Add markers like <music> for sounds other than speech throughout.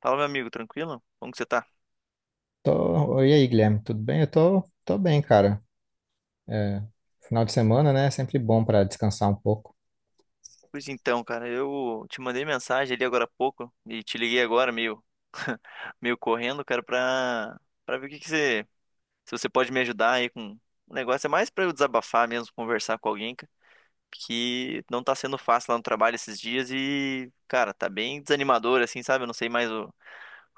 Fala, meu amigo, tranquilo? Como que você tá? E aí, Guilherme, tudo bem? Eu tô bem, cara. É, final de semana, né? É sempre bom pra descansar um pouco. Pois então, cara, eu te mandei mensagem ali agora há pouco e te liguei agora meio, <laughs> meio correndo, cara, pra ver o que que você, se você pode me ajudar aí com o negócio. É mais pra eu desabafar mesmo, conversar com alguém, cara, que não tá sendo fácil lá no trabalho esses dias e, cara, tá bem desanimador, assim, sabe? Eu não sei mais o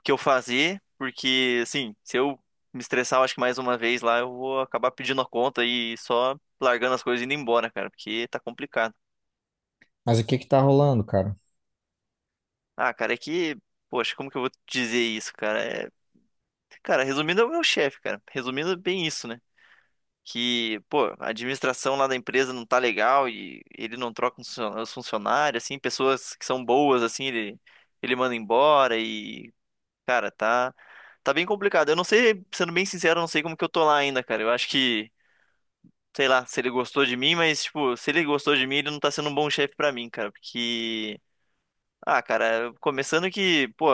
que eu fazer, porque, assim, se eu me estressar, eu acho que mais uma vez lá, eu vou acabar pedindo a conta e só largando as coisas e indo embora, cara, porque tá complicado. Mas o que que tá rolando, cara? Ah, cara, é que. Poxa, como que eu vou dizer isso, cara? Cara, resumindo, é o meu chefe, cara. Resumindo, é bem isso, né? Que, pô, a administração lá da empresa não tá legal e ele não troca os os funcionários, assim, pessoas que são boas, assim, ele manda embora e, cara, tá bem complicado. Eu não sei, sendo bem sincero, eu não sei como que eu tô lá ainda, cara. Eu acho que, sei lá, se ele gostou de mim, mas, tipo, se ele gostou de mim, ele não tá sendo um bom chefe pra mim, cara, porque. Ah, cara, começando que, pô,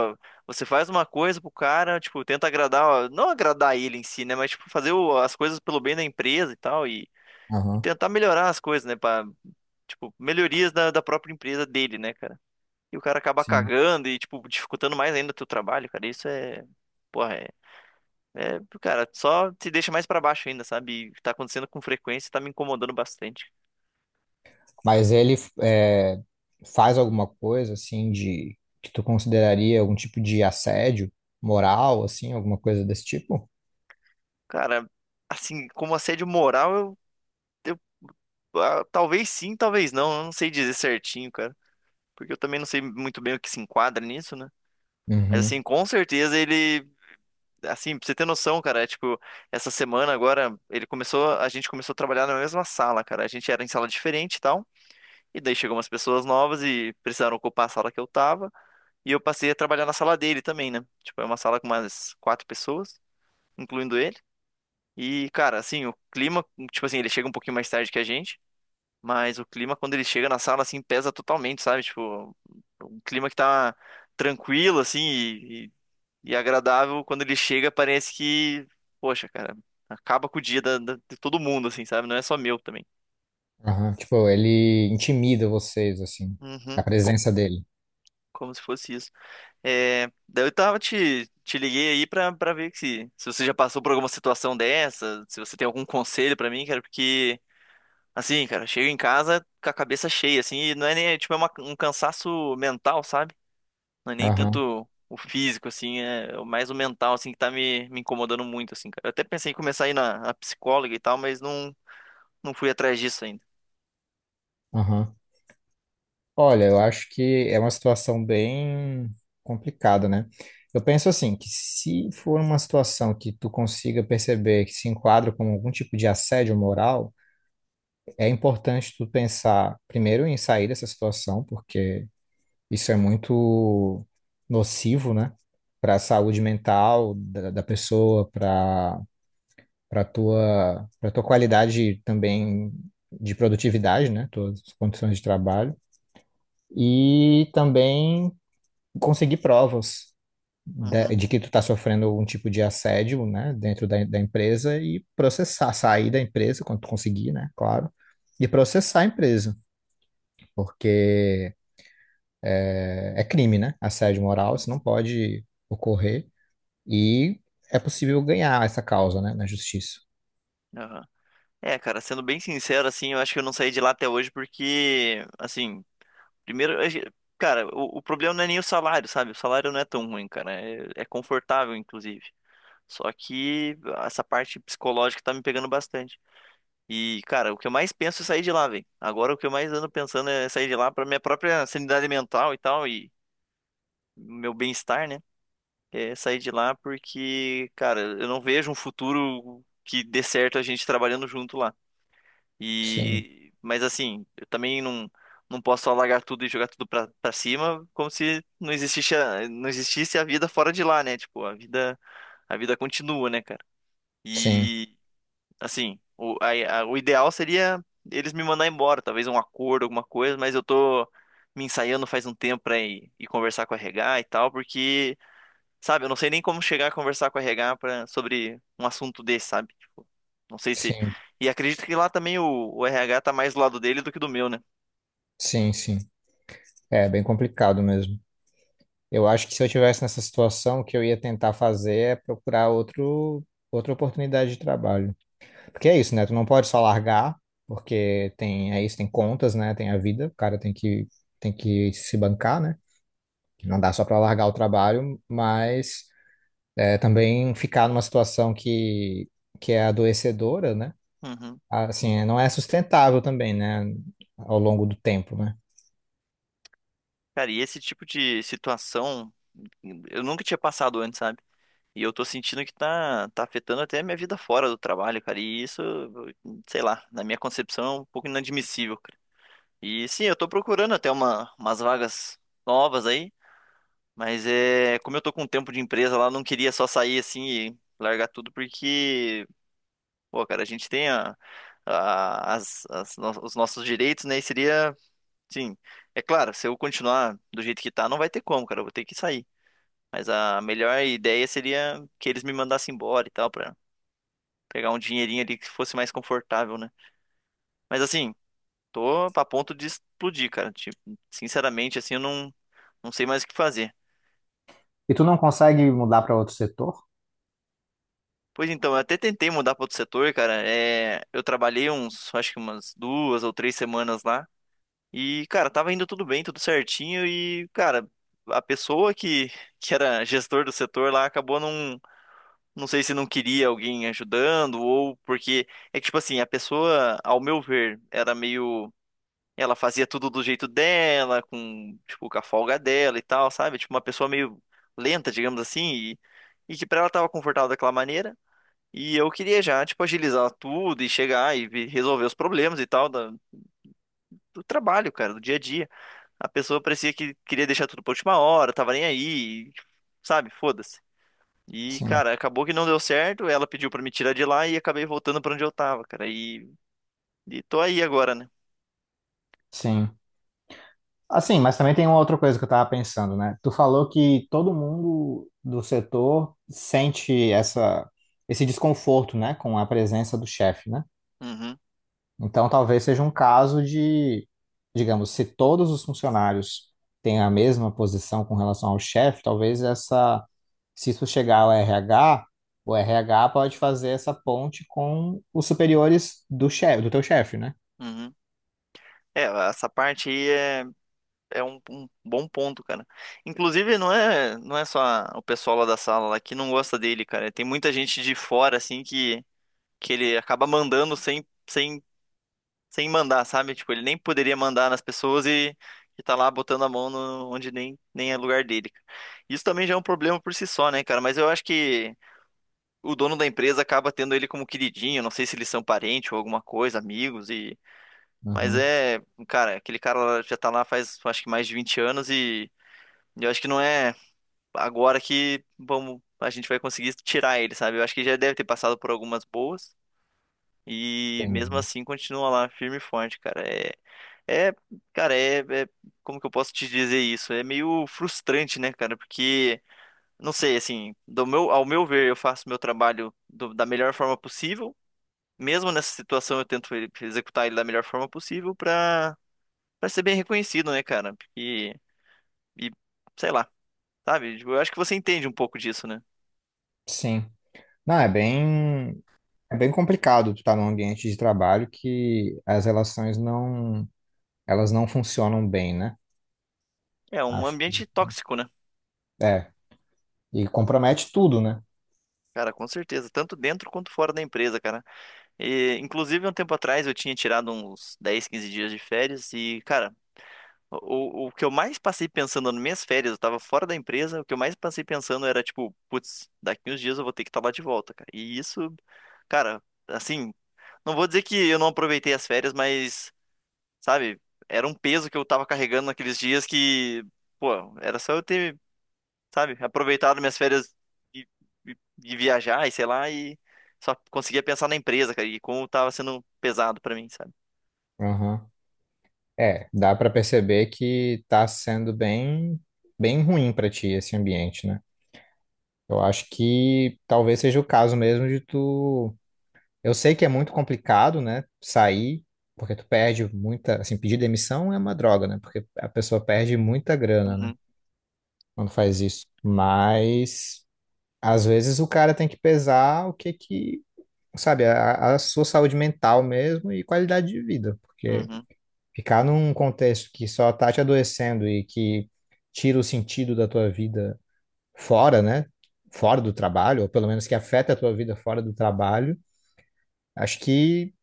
você faz uma coisa pro cara, tipo, tenta agradar, ó, não agradar ele em si, né, mas, tipo, fazer as coisas pelo bem da empresa e tal, e Aham, tentar melhorar as coisas, né, pra, tipo, melhorias da própria empresa dele, né, cara. E o cara acaba sim. cagando e, tipo, dificultando mais ainda o teu trabalho, cara, isso é, porra, é, cara, só te deixa mais pra baixo ainda, sabe, e tá acontecendo com frequência, e tá me incomodando bastante. Mas ele é, faz alguma coisa, assim, de que tu consideraria algum tipo de assédio moral, assim, alguma coisa desse tipo? Cara, assim, como assédio moral, eu. Ah, talvez sim, talvez não. Eu não sei dizer certinho, cara. Porque eu também não sei muito bem o que se enquadra nisso, né? Mas Uhum. assim, com certeza ele. Assim, pra você ter noção, cara, é tipo, essa semana agora, ele começou, a gente começou a trabalhar na mesma sala, cara. A gente era em sala diferente e tal. E daí chegou umas pessoas novas e precisaram ocupar a sala que eu tava. E eu passei a trabalhar na sala dele também, né? Tipo, é uma sala com umas quatro pessoas, incluindo ele. E, cara, assim, o clima, tipo assim, ele chega um pouquinho mais tarde que a gente. Mas o clima, quando ele chega na sala, assim, pesa totalmente, sabe? Tipo, um clima que tá tranquilo, assim, e agradável. Quando ele chega, parece que, poxa, cara, acaba com o dia de todo mundo, assim, sabe? Não é só meu também. Aham. Tipo, ele intimida vocês, assim, a Uhum, presença dele. como se fosse isso. É, daí eu tava te liguei aí pra ver que se você já passou por alguma situação dessa, se você tem algum conselho pra mim, cara, porque, assim, cara, eu chego em casa com a cabeça cheia, assim, e não é nem, tipo, é um cansaço mental, sabe? Não é nem Aham, tanto o físico, assim, é mais o mental, assim, que tá me incomodando muito, assim, cara. Eu até pensei em começar a ir na psicóloga e tal, mas não, não fui atrás disso ainda. aham. Olha, eu acho que é uma situação bem complicada, né? Eu penso assim, que se for uma situação que tu consiga perceber que se enquadra como algum tipo de assédio moral, é importante tu pensar primeiro em sair dessa situação, porque isso é muito nocivo, né? Para a saúde mental da pessoa, para para tua qualidade também de produtividade, né? Tuas condições de trabalho. E também conseguir provas Uhum, de que tu tá sofrendo algum tipo de assédio, né, dentro da empresa e processar, sair da empresa quando tu conseguir, né, claro, e processar a empresa, porque é, é crime, né, assédio moral, isso não uhum, pode ocorrer e é possível ganhar essa causa, né, na justiça. aham. É, cara, sendo bem sincero, assim, eu acho que eu não saí de lá até hoje porque, assim, primeiro, cara, o problema não é nem o salário, sabe? O salário não é tão ruim, cara. É confortável, inclusive. Só que essa parte psicológica tá me pegando bastante. E, cara, o que eu mais penso é sair de lá, velho. Agora o que eu mais ando pensando é sair de lá pra minha própria sanidade mental e tal, e meu bem-estar, né? É sair de lá porque, cara, eu não vejo um futuro que dê certo a gente trabalhando junto lá. Sim, E, mas assim, eu também não, não posso só largar tudo e jogar tudo pra cima, como se não existisse a, não existisse a vida fora de lá, né? Tipo, a vida continua, né, cara? sim, E assim, o, o ideal seria eles me mandar embora, talvez um acordo, alguma coisa, mas eu tô me ensaiando faz um tempo pra ir conversar com a RH e tal, porque, sabe, eu não sei nem como chegar a conversar com a RH pra, sobre um assunto desse, sabe? Tipo, não sei se. sim, E acredito que lá também o RH tá mais do lado dele do que do meu, né? sim, sim. É bem complicado mesmo. Eu acho que se eu tivesse nessa situação, o que eu ia tentar fazer é procurar outro, outra oportunidade de trabalho. Porque é isso, né? Tu não pode só largar, porque tem, é isso, tem contas, né? Tem a vida, o cara tem que se bancar, né? Não dá só para largar o trabalho, mas é, também ficar numa situação que é adoecedora, né? Uhum. Assim, é, não é sustentável também, né? Ao longo do tempo, né? Cara, e esse tipo de situação eu nunca tinha passado antes, sabe? E eu tô sentindo que tá afetando até a minha vida fora do trabalho, cara. E isso, sei lá, na minha concepção é um pouco inadmissível, cara. E sim, eu tô procurando até umas vagas novas aí, mas é, como eu tô com tempo de empresa lá, eu não queria só sair assim e largar tudo, porque, pô, cara, a gente tem as os nossos direitos, né? E seria, sim, é claro, se eu continuar do jeito que tá, não vai ter como, cara, eu vou ter que sair. Mas a melhor ideia seria que eles me mandassem embora e tal, pegar um dinheirinho ali que fosse mais confortável, né? Mas assim, tô a ponto de explodir, cara. Tipo, sinceramente, assim, eu não, não sei mais o que fazer. E tu não consegue mudar para outro setor? Pois então, eu até tentei mudar para outro setor, cara. É, eu trabalhei uns, acho que umas duas ou três semanas lá. E, cara, tava indo tudo bem, tudo certinho. E, cara, a pessoa que era gestor do setor lá acabou não. Não sei se não queria alguém ajudando ou porque. É que, tipo assim, a pessoa, ao meu ver, era meio. Ela fazia tudo do jeito dela, com, tipo, com a folga dela e tal, sabe? Tipo, uma pessoa meio lenta, digamos assim, e que pra ela tava confortável daquela maneira. E eu queria já, tipo, agilizar tudo e chegar e resolver os problemas e tal do trabalho, cara, do dia a dia. A pessoa parecia que queria deixar tudo pra última hora, tava nem aí, e, sabe? Foda-se. E, Sim, cara, acabou que não deu certo, ela pediu pra me tirar de lá e acabei voltando pra onde eu tava, cara. E tô aí agora, né? sim. Assim, mas também tem uma outra coisa que eu tava pensando, né? Tu falou que todo mundo do setor sente essa, esse desconforto, né, com a presença do chefe, né? Uhum, Então talvez seja um caso de, digamos, se todos os funcionários têm a mesma posição com relação ao chefe, talvez essa, se isso chegar ao RH, o RH pode fazer essa ponte com os superiores do chefe, do teu chefe, né? uhum. É, essa parte aí é é um, um bom ponto, cara. Inclusive, não é, não é só o pessoal lá da sala lá que não gosta dele, cara. Tem muita gente de fora, assim, que ele acaba mandando sem mandar, sabe? Tipo, ele nem poderia mandar nas pessoas e tá lá botando a mão no, onde nem, nem é lugar dele. Cara. Isso também já é um problema por si só, né, cara? Mas eu acho que o dono da empresa acaba tendo ele como queridinho. Não sei se eles são parentes ou alguma coisa, amigos e. Mas Uhum. é, cara, aquele cara lá já tá lá faz acho que mais de 20 anos e eu acho que não é agora que vamos, a gente vai conseguir tirar ele, sabe? Eu acho que já deve ter passado por algumas boas e mesmo Entendi. assim continua lá firme e forte, cara. É, cara, como que eu posso te dizer isso? É meio frustrante, né, cara? Porque não sei, assim, do meu, ao meu ver, eu faço meu trabalho da melhor forma possível. Mesmo nessa situação, eu tento executar ele da melhor forma possível pra para ser bem reconhecido, né, cara? E sei lá, sabe? Tipo, eu acho que você entende um pouco disso, né? Sim. Não, é bem. É bem complicado tu estar num ambiente de trabalho que as relações não, elas não funcionam bem, né? É um Acho que ambiente tóxico, né? é. E compromete tudo, né? Cara, com certeza, tanto dentro quanto fora da empresa, cara. E, inclusive, um tempo atrás eu tinha tirado uns 10, 15 dias de férias e, cara, o que eu mais passei pensando nas minhas férias, eu tava fora da empresa, o que eu mais passei pensando era, tipo, putz, daqui uns dias eu vou ter que estar lá de volta, cara. E isso, cara, assim, não vou dizer que eu não aproveitei as férias, mas, sabe, era um peso que eu tava carregando naqueles dias que, pô, era só eu ter sabe? Aproveitar minhas férias e, e- e viajar e sei lá, e só conseguia pensar na empresa, cara, e como tava sendo pesado pra mim, sabe? Aham. É, dá pra perceber que tá sendo bem, bem ruim pra ti esse ambiente, né? Eu acho que talvez seja o caso mesmo de tu. Eu sei que é muito complicado, né? Sair, porque tu perde muita. Assim, pedir demissão é uma droga, né? Porque a pessoa perde muita grana, né? Uhum, Quando faz isso. Mas às vezes o cara tem que pesar o que que, sabe, a sua saúde mental mesmo e qualidade de vida, porque uhum, ficar num contexto que só tá te adoecendo e que tira o sentido da tua vida fora, né? Fora do trabalho, ou pelo menos que afeta a tua vida fora do trabalho, acho que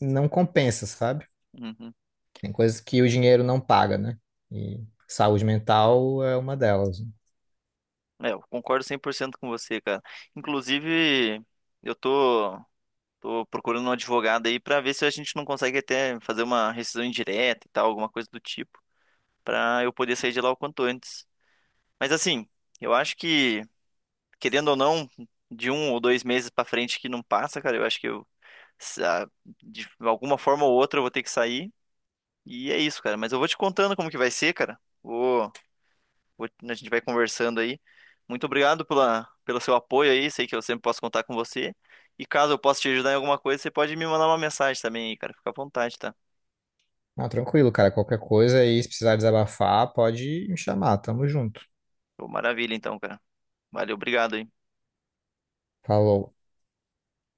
não compensa, sabe? uhum. Tem coisas que o dinheiro não paga, né? E saúde mental é uma delas. É, eu concordo 100% com você, cara. Inclusive, eu tô, tô procurando um advogado aí pra ver se a gente não consegue até fazer uma rescisão indireta e tal, alguma coisa do tipo, pra eu poder sair de lá o quanto antes. Mas assim, eu acho que, querendo ou não, de um ou dois meses pra frente que não passa, cara, eu acho que eu sa- de alguma forma ou outra eu vou ter que sair. E é isso, cara. Mas eu vou te contando como que vai ser, cara. Vou, vou- a gente vai conversando aí. Muito obrigado pela, pelo seu apoio aí. Sei que eu sempre posso contar com você. E caso eu possa te ajudar em alguma coisa, você pode me mandar uma mensagem também aí, cara. Fica à vontade, tá? Não, tranquilo, cara, qualquer coisa aí, se precisar desabafar, pode me chamar, tamo junto. Pô, maravilha, então, cara. Valeu, obrigado aí. Falou.